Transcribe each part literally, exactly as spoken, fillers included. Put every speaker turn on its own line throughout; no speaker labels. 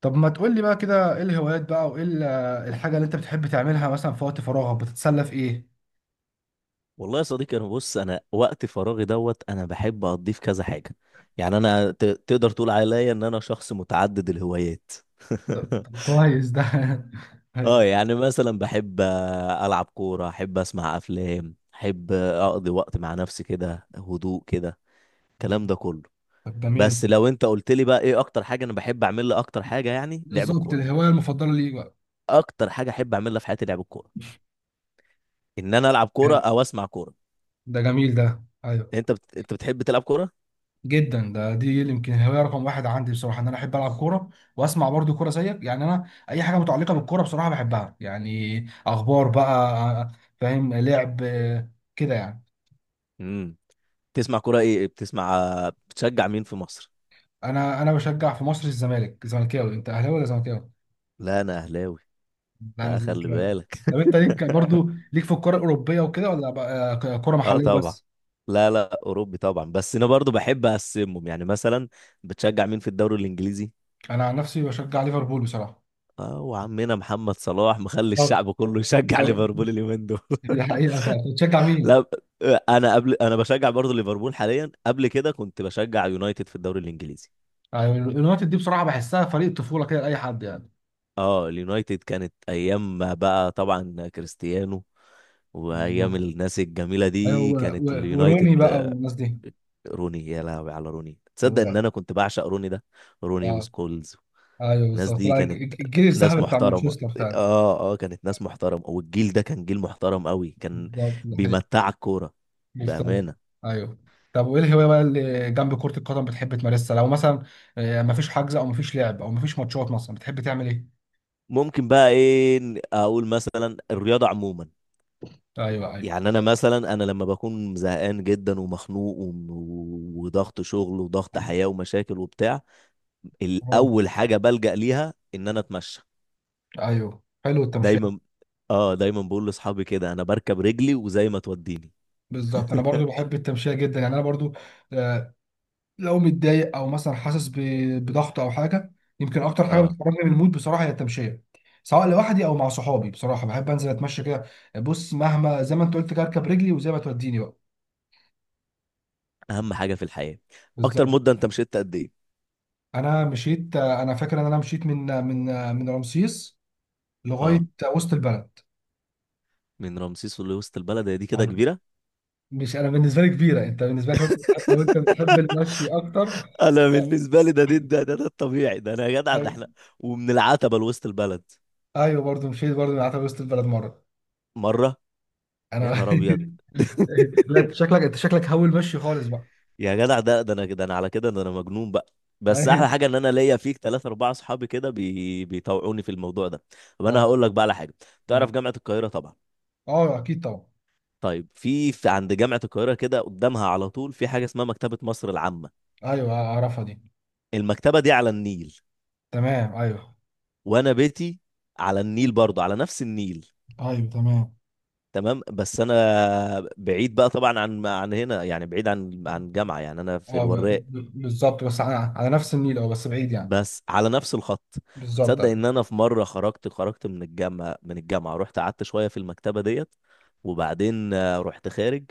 طب ما تقول لي بقى كده ايه الهوايات بقى وايه ال- الحاجة اللي انت بتحب تعملها مثلا في وقت فراغك بتتسلى في ايه؟
والله يا صديقي، انا بص انا وقت فراغي دوت انا بحب اقضيه في كذا حاجه. يعني انا ت- تقدر تقول عليا ان انا شخص متعدد الهوايات.
طب طب كويس ده.
اه
أيوة.
يعني مثلا بحب آه، العب كوره، احب اسمع افلام، احب آه، اقضي وقت مع نفسي كده، هدوء كده، الكلام ده كله.
طب جميل.
بس لو انت قلت لي بقى ايه اكتر حاجه انا بحب اعملها، اكتر حاجه يعني لعب
بالظبط
الكوره.
الهواية المفضلة ليك بقى.
اكتر حاجه احب اعملها في حياتي لعب الكوره، ان انا العب كوره
حلو.
او اسمع كوره.
ده جميل، ده ايوه.
انت بت... انت بتحب تلعب كوره؟
جدا، ده دي يمكن الهواية رقم واحد عندي بصراحة، ان انا احب العب كورة واسمع برضو كورة زيك. يعني انا اي حاجة متعلقة بالكورة بصراحة بحبها يعني. اخبار بقى، فاهم، لعب آه، كده يعني.
امم بتسمع كوره ايه؟ بتسمع؟ بتشجع مين في مصر؟
انا انا بشجع في مصر الزمالك، زملكاوي. انت اهلاوي ولا زملكاوي؟
لا انا اهلاوي.
لا،
لا،
لازم
خلي
كده.
بالك.
طب انت ليك برضو ليك في الكرة الأوروبية وكده، ولا بقى كرة
اه،
محلية
طبعا.
بس؟
لا، لا، اوروبي طبعا، بس انا برضو بحب اقسمهم، يعني مثلا بتشجع مين في الدوري الانجليزي؟
أنا عن نفسي بشجع ليفربول بصراحة.
اه، وعمنا محمد صلاح مخلي
طب،
الشعب كله يشجع
أيوة،
ليفربول اليومين دول.
دي حقيقة فعلا. بتشجع مين؟
لا، انا قبل انا بشجع برضو ليفربول حاليا، قبل كده كنت بشجع يونايتد في الدوري الانجليزي.
يعني اليونايتد دي بصراحة بحسها فريق طفولة كده لأي حد يعني.
اه، اليونايتد كانت ايام ما بقى طبعا كريستيانو وايام
بالظبط.
الناس الجميله
أيوه
دي
و-
كانت
و- وروني
اليونايتد
بقى
آه،
والناس دي.
روني، يا لهوي على روني، تصدق
هو-
ان انا كنت بعشق روني ده؟ روني
آه،
وسكولز.
أيوه
الناس
بالظبط.
دي
لا
كانت
الج- الج- الجيل
ناس
الذهبي بتاع
محترمه.
مانشستر فعلا.
اه، اه، كانت ناس محترمه، والجيل ده كان جيل محترم قوي، كان
بالظبط دي حقيقة.
بيمتع الكوره
بالظبط
بامانه.
ايوه. طب وايه الهوايه بقى اللي جنب كره القدم بتحب تمارسها؟ لو مثلا آه، مفيش حجز او مفيش لعب او مفيش ماتشات، مثلا بتحب تعمل ايه؟
ممكن بقى ايه اقول، مثلا الرياضه عموما.
ايوه ايوه.
يعني انا مثلا انا لما بكون زهقان جدا ومخنوق وم- وضغط شغل وضغط حياة ومشاكل وبتاع،
آه،
الاول حاجة بلجأ ليها ان انا اتمشى.
ايوه حلو التمشيه.
دايما. اه دايما بقول لاصحابي كده انا بركب رجلي وزي ما توديني.
بالظبط، انا برضو بحب التمشيه جدا يعني، انا برضو. آه، لو متضايق او مثلا حاسس ب- بضغط او حاجه، يمكن اكتر حاجه
اه،
بتخرجني من المود بصراحه هي التمشيه، سواء لوحدي او مع صحابي. بصراحه بحب انزل اتمشى كده. بص، مهما زي ما انت قلت كده اركب رجلي وزي ما توديني بقى.
اهم حاجة في الحياة. اكتر
بالظبط.
مدة انت مشيت قد ايه؟
انا مشيت، انا فاكر ان انا مشيت من من من رمسيس
اه،
لغايه وسط البلد.
من رمسيس لوسط البلد، هي دي كده
أيوة.
كبيرة؟
مش انا بالنسبه لي كبيره، انت بالنسبه لك لو انت بتحب لو أنت بتحب المشي اكتر.
انا بالنسبة لي ده ده ده, ده, ده الطبيعي، ده انا يا جدع، ده
ايوه.
احنا ومن العتبة لوسط البلد
أيوة، برضو مشيت، برضو قعدت وسط البلد مره.
مرة. يا
انا.
نهار ابيض.
لا انت شكلك انت شكلك هول مشي خالص بقى.
يا جدع، ده ده انا، ده انا على كده، ده انا مجنون بقى. بس
أيوة.
احلى حاجه ان انا ليا فيك ثلاثة اربعة اصحابي كده بي... بيطوعوني في الموضوع ده. طب انا
اه،
هقول لك بقى على حاجه.
اه،
تعرف جامعه القاهره طبعا؟
آه، اكيد طبعا.
طيب في, في عند جامعه القاهره كده قدامها على طول في حاجه اسمها مكتبه مصر العامه.
ايوه اعرفها دي.
المكتبه دي على النيل،
تمام ايوه.
وانا بيتي على النيل برضه، على نفس النيل.
ايوه تمام.
تمام، بس انا بعيد بقى طبعا عن عن هنا، يعني بعيد عن عن الجامعه، يعني انا في
اه، ب...
الوراق.
ب... بالظبط بس على... على نفس النيل، اه بس بعيد يعني.
بس على نفس الخط.
بالظبط
تصدق
ايوه.
ان انا في مره خرجت خرجت من الجامعه من الجامعه رحت قعدت شويه في المكتبه ديت، وبعدين آه، رحت خارج.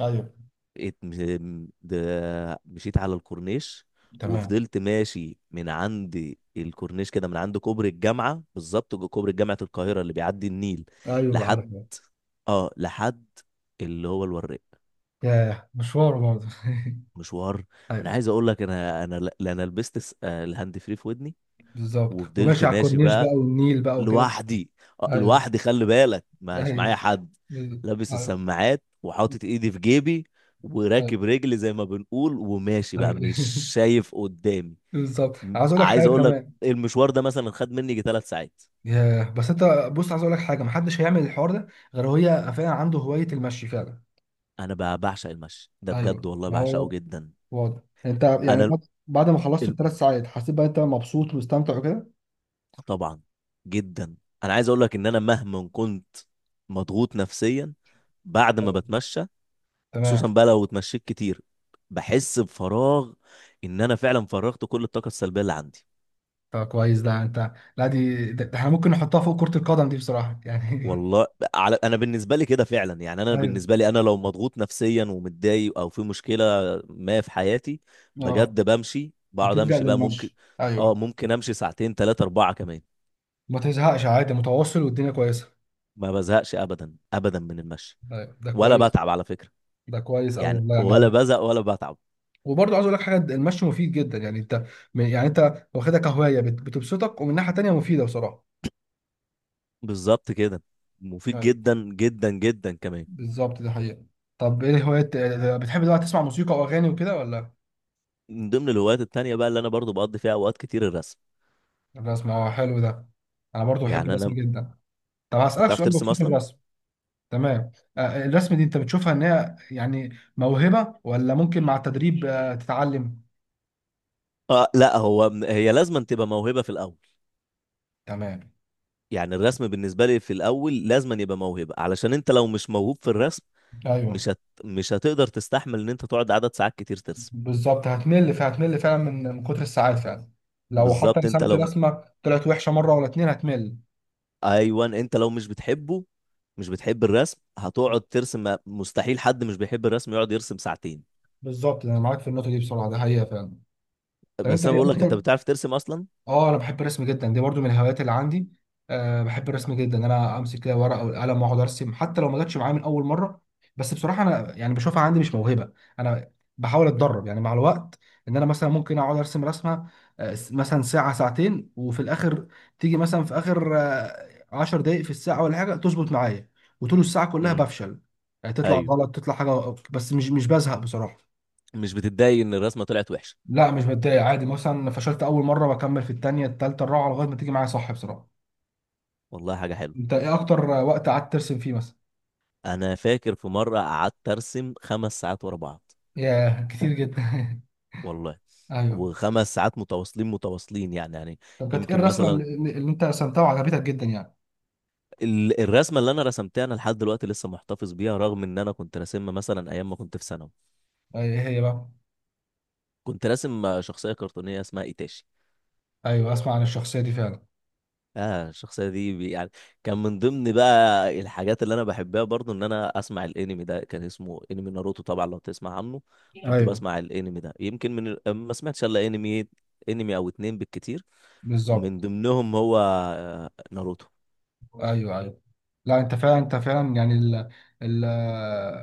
أيوة.
ات- م- د- مشيت على الكورنيش،
تمام.
وفضلت ماشي من عند الكورنيش كده، من عند كوبري الجامعه بالظبط، جو- كوبري جامعه القاهره اللي بيعدي النيل
ايوه عارف.
لحد اه لحد اللي هو الوراق.
ياه مشوار برضه.
مشوار. انا
ايوه.
عايز اقول لك انا، انا لا انا لبست س- آه، الهاند فري في ودني،
بالظبط،
وفضلت
وماشي على
ماشي
الكورنيش بقى
بقى
والنيل بقى وكده.
لوحدي. آه،
ايوه
لوحدي، خلي بالك مش معايا
ايوه
حد،
بز-
لابس
ايوه
السماعات وحاطط ايدي في جيبي
ايوه.
وراكب رجلي زي ما بنقول، وماشي بقى
أيوة.
مش شايف قدامي.
بالظبط
م-
عايز اقول لك
عايز
حاجه
اقول لك
كمان.
المشوار ده مثلا خد مني يجي ثلاث ساعات.
ياه، بس انت، بص عايز اقول لك حاجه، محدش هيعمل الحوار ده غير هي فعلا عنده هوايه المشي فعلا.
انا بقى بعشق المشي ده بجد،
ايوه،
والله
ما
بعشقه
هو
جدا.
واضح. انت يعني
انا ال...
بعد بعد ما خلصت
ال-
الثلاث ساعات حسيت بقى انت مبسوط ومستمتع وكده؟
طبعا، جدا. انا عايز اقول لك ان انا مهما كنت مضغوط نفسيا، بعد ما
أيوة.
بتمشى، خصوصا
تمام.
بقى لو اتمشيت كتير، بحس بفراغ، ان انا فعلا فرغت كل الطاقه السلبيه اللي عندي.
طب كويس ده، انت لا دي ده ده احنا ممكن نحطها فوق كرة القدم دي بصراحة يعني.
والله، على انا بالنسبه لي كده فعلا. يعني انا
ايوه.
بالنسبه لي، انا لو مضغوط نفسيا ومتضايق او في مشكله ما في حياتي،
اه،
بجد بمشي، بقعد
بتلجأ
امشي بقى ممكن.
للمشي،
اه،
ايوه.
ممكن امشي ساعتين، ثلاثه، اربعه كمان.
ما تزهقش عادي، متواصل والدنيا كويسه.
ما بزهقش ابدا ابدا من المشي،
ايوه، ده
ولا
كويس،
بتعب على فكره.
ده كويس قوي
يعني
والله يعني.
ولا
هو
بزهق ولا بتعب.
وبرضه عايز اقول لك حاجه، المشي مفيد جدا يعني. انت يعني، انت واخدها كهوايه، بت- بتبسطك ومن ناحيه تانيه مفيده بصراحه.
بالظبط كده، مفيد
ايوه
جدا جدا جدا كمان.
بالظبط، ده حقيقه. طب ايه هوايات بتحب دلوقتي؟ تسمع موسيقى واغاني وكده ولا؟
من ضمن الهوايات التانية بقى اللي انا برضو بقضي فيها اوقات كتير، الرسم.
ولا اسمع؟ آه، حلو ده. انا برضه بحب
يعني انا
الرسم
انت
جدا. طب هسألك
بتعرف
سؤال
ترسم
بخصوص
اصلا؟
الرسم. تمام. آه، الرسم دي انت بتشوفها ان هي يعني موهبه، ولا ممكن مع التدريب آه، تتعلم؟
اه، لا، هو هي لازما تبقى موهبة في الاول.
تمام
يعني الرسم بالنسبة لي في الاول لازما يبقى موهبة، علشان انت لو مش موهوب في الرسم
ايوه.
مش هت... مش هتقدر تستحمل ان انت تقعد عدد ساعات كتير ترسم.
بالظبط، هتمل، فهتمل فعلا من من كتر الساعات فعلا. لو حتى
بالظبط، انت
رسمت
لو
رسمه طلعت وحشه مره ولا اتنين هتمل.
ايوه، انت لو مش بتحبه مش بتحب الرسم، هتقعد ترسم؟ مستحيل حد مش بيحب الرسم يقعد يرسم ساعتين.
بالظبط. انا معاك في النقطه دي بصراحه، ده حقيقه فعلا. طب انت
بس انا
ايه
بقول لك، انت
اكتر؟
بتعرف ترسم اصلا؟
اه، انا بحب الرسم جدا، دي برضو من الهوايات اللي عندي. أه، بحب الرسم جدا، ان انا امسك كده ورقه والقلم واقعد ارسم حتى لو ما جاتش معايا من اول مره. بس بصراحه انا يعني بشوفها عندي مش موهبه. انا بحاول اتدرب يعني مع الوقت ان انا مثلا ممكن اقعد ارسم رسمه آه، س- مثلا ساعه ساعتين وفي الاخر تيجي مثلا في اخر آه، عشر دقائق في الساعه ولا حاجه تظبط معايا، وطول الساعه كلها
امم
بفشل. يعني تطلع
ايوه،
غلط، تطلع حاجه، بس مش مش بزهق بصراحه.
مش بتتضايق ان الرسمة طلعت وحشة؟
لا مش بتضايق عادي، مثلا فشلت اول مره بكمل في التانية التالتة الرابعه لغايه ما تيجي معايا صح بصراحه.
والله حاجة حلوة.
انت ايه اكتر وقت قعدت ترسم فيه مثلا؟
انا فاكر في مره قعدت ارسم خمس ساعات ورا بعض.
ياه كتير جدا.
والله،
ايوه.
وخمس ساعات متواصلين متواصلين، يعني يعني.
طب كانت ايه
يمكن
الرسمه
مثلا
اللي, اللي انت رسمتها وعجبتك جدا يعني؟
ال- الرسمه اللي انا رسمتها انا لحد دلوقتي لسه محتفظ بيها، رغم ان انا كنت راسمها مثلا ايام ما كنت في ثانوي.
ايه هي بقى؟
كنت راسم شخصيه كرتونيه اسمها ايتاشي.
ايوه، اسمع عن الشخصيه دي فعلا.
اه، الشخصيه دي بي- يعني كان من ضمن بقى الحاجات اللي انا بحبها برضو ان انا اسمع الانمي، ده كان اسمه انمي ناروتو، طبعا لو تسمع عنه. كنت
ايوه
بسمع الانمي ده يمكن من ال- ما سمعتش الا انمي انمي او اتنين بالكتير. من
بالظبط.
ضمنهم هو آه، ناروتو.
ايوه ايوه. لا انت فعلا انت فعلا يعني ال ال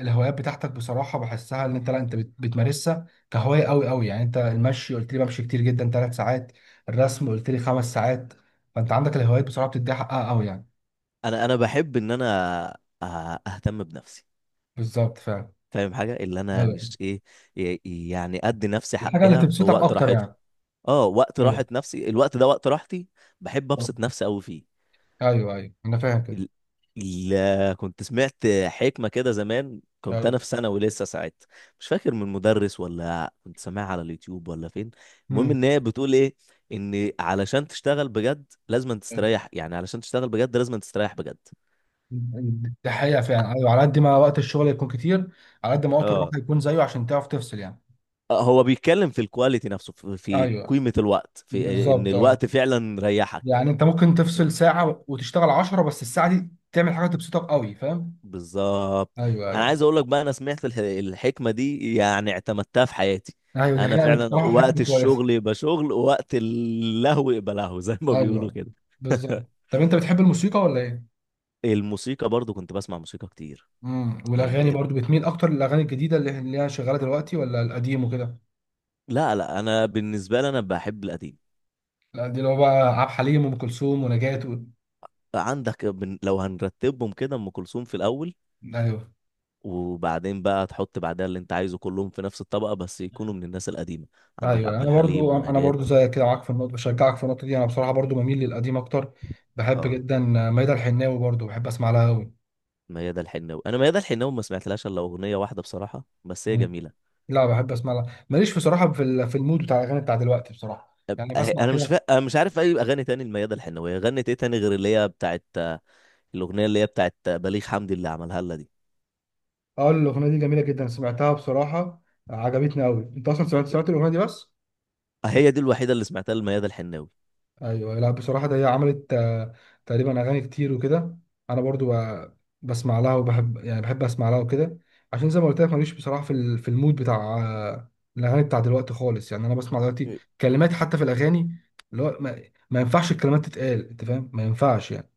الهوايات بتاعتك بصراحه بحسها ان انت، لا انت بت- بتمارسها كهوايه قوي قوي يعني. انت المشي قلت لي بمشي كتير جدا ثلاث ساعات، الرسم قلت لي خمس ساعات. فانت عندك الهوايات بصراحه بتديها حقها قوي يعني.
انا انا بحب ان انا آه، اهتم بنفسي.
بالظبط فعلا.
فاهم؟ حاجه اللي انا
ايوه،
مش ايه، ي- يعني ادي نفسي
الحاجه اللي
حقها في
تبسطك
وقت
اكتر
راحتها.
يعني.
اه، وقت راحه نفسي الوقت ده وقت راحتي، بحب
ايوه
ابسط نفسي قوي فيه.
ايوه ايوه، انا فاهم كده.
ال- ال- كنت سمعت حكمة كده زمان، كنت
ايوه.
أنا في ثانوي لسه ساعتها، مش فاكر من مدرس ولا كنت سامعها على اليوتيوب ولا فين. المهم
امم.
إن هي بتقول إيه؟ إن علشان تشتغل بجد لازم تستريح، يعني علشان تشتغل بجد لازم تستريح بجد.
ده حقيقه فعلا، ايوه، على قد ما وقت الشغل يكون كتير، على قد ما وقت الراحه
اه،
يكون زيه عشان تعرف تفصل يعني.
آه، هو بيتكلم في الكواليتي نفسه، في في
ايوه
قيمة الوقت، في إن
بالظبط، آه.
الوقت فعلا ريحك.
يعني انت ممكن تفصل ساعة وتشتغل عشرة، بس الساعة دي تعمل حاجة تبسطك قوي. فاهم؟
بالظبط.
ايوه
انا
ايوه.
عايز اقول لك بقى، انا سمعت الح- الحكمه دي يعني اعتمدتها في حياتي.
ايوه دي
انا
حقيقة، دي
فعلا
بصراحة
وقت
حكمة كويسة.
الشغل يبقى شغل ووقت اللهو يبقى لهو، زي ما بيقولوا
ايوه
كده.
بالظبط. طب انت بتحب الموسيقى ولا ايه؟
الموسيقى برضو كنت بسمع موسيقى كتير.
امم والاغاني
يعني،
برضو، بتميل اكتر للاغاني الجديدة اللي اللي هي شغالة دلوقتي، ولا القديم وكده؟
لا، لا، انا بالنسبه لي انا بحب القديم.
القديم اللي هو بقى عبد الحليم وام كلثوم ونجاة و...
عندك بن- لو هنرتبهم كده، ام كلثوم في الاول،
ايوه
وبعدين بقى تحط بعدها اللي انت عايزه كلهم في نفس الطبقه، بس يكونوا من الناس القديمه. عندك
ايوه.
عبد
انا
الحليم
برضو انا
ونجاة.
برضو زيك كده، معاك في النقطة، بشجعك في النقطة دي. انا بصراحة برضو بميل للقديم اكتر. بحب
اه،
جدا ميادة الحناوي، برضو بحب اسمع لها قوي.
ميادة الحناوي. انا ميادة الحناوي ما سمعتلهاش الا اغنيه واحده بصراحه، بس هي جميله.
لا بحب اسمع لها. ماليش بصراحه في ال- في المود بتاع الاغاني بتاع دلوقتي بصراحه،
أب-
يعني
أه-
بسمع
انا مش فا...
كده.
أنا مش عارف اي اغاني تاني لميادة الحناوي، غنت ايه تاني غير اللي هي بتاعت الاغنيه اللي هي بتاعت بليغ حمدي اللي عملها لها دي؟
اه، الاغنيه دي جميله جدا، سمعتها بصراحه. آه، عجبتني قوي. انت اصلا سمعت سمعت الاغنيه دي بس؟
هي دي الوحيده اللي سمعتها لميادة الحناوي.
ايوه. لا بصراحه ده هي عملت آه، تقريبا اغاني كتير وكده. انا برضو ب- بسمع لها وبحب، يعني بحب اسمع لها وكده، عشان زي ما قلت لك ماليش بصراحه في ال- في المود بتاع آه، الاغاني بتاع دلوقتي خالص يعني. انا بسمع دلوقتي كلمات حتى في الاغاني اللي هو ما, ما ينفعش الكلمات تتقال. انت فاهم؟ ما ينفعش يعني،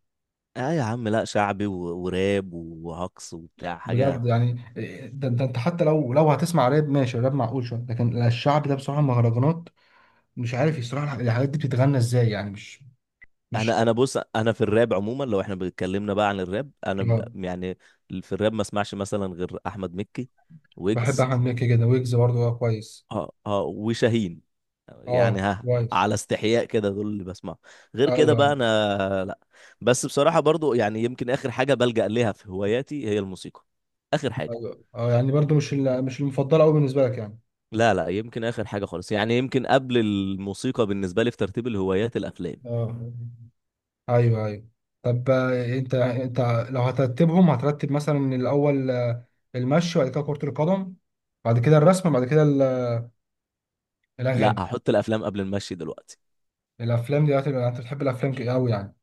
اه يا عم، لا، شعبي و... وراب وهقص وبتاع حاجه.
بجد يعني. ده ده انت حتى لو لو هتسمع راب، ماشي راب معقول شويه، لكن الشعب ده بصراحه مهرجانات مش عارف يصراحه الح- الحاجات دي بتتغنى ازاي يعني. مش. مش.
انا انا بص، انا في الراب عموما، لو احنا بنتكلمنا بقى عن الراب، انا ب-
اه.
يعني في الراب ما اسمعش مثلا غير احمد مكي،
بحب
ويجز.
احمد مكي جدا، ويجز برضه، اه كويس.
اه، اه، وشاهين. يعني
اه
ها،
كويس.
على استحياء كده دول اللي بسمعه. غير كده
ايوه
بقى انا لا. بس بصراحة برضو يعني يمكن اخر حاجة بلجأ ليها في هواياتي هي الموسيقى. اخر حاجة.
ايوه. اه، يعني برضه مش ال- مش المفضله قوي بالنسبه لك يعني.
لا، لا، يمكن اخر حاجة خالص، يعني يمكن قبل الموسيقى بالنسبة لي في ترتيب الهوايات الافلام.
اه، ايوه ايوه. طب آه، انت انت لو هترتبهم هترتب مثلا الاول، آه، المشي، بعد كده كرة القدم، بعد كده الرسم، بعد كده ال-
لا،
الاغاني.
هحط الافلام قبل المشي دلوقتي.
الافلام دي يعني انت بتحب الافلام ك- قوي يعني؟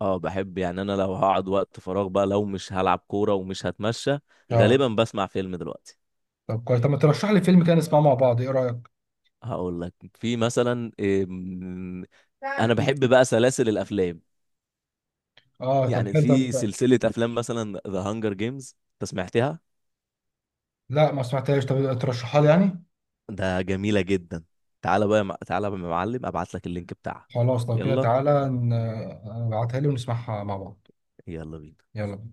اه، بحب، يعني انا لو هقعد وقت فراغ بقى، لو مش هلعب كورة ومش هتمشى،
اه.
غالبا بسمع فيلم دلوقتي.
طب كويس، طب ما ترشح لي فيلم كده نسمعه مع بعض، ايه رايك؟
هقول لك في مثلا إيه، م- انا بحب بقى سلاسل الافلام.
اه، طب
يعني
حلو.
في
طب
سلسلة أفلام مثلا ذا هانجر جيمز، أنت سمعتها؟
لا، ما سمعتهاش. طب ترشحها لي يعني.
ده جميلة جدا. تعالى بقى يا مع- تعالى بقى يا معلم أبعت لك اللينك بتاعها.
خلاص لو كده
يلا.
تعالى ن- ابعتها لي ونسمعها مع بعض.
يلا بينا.
يلا بينا.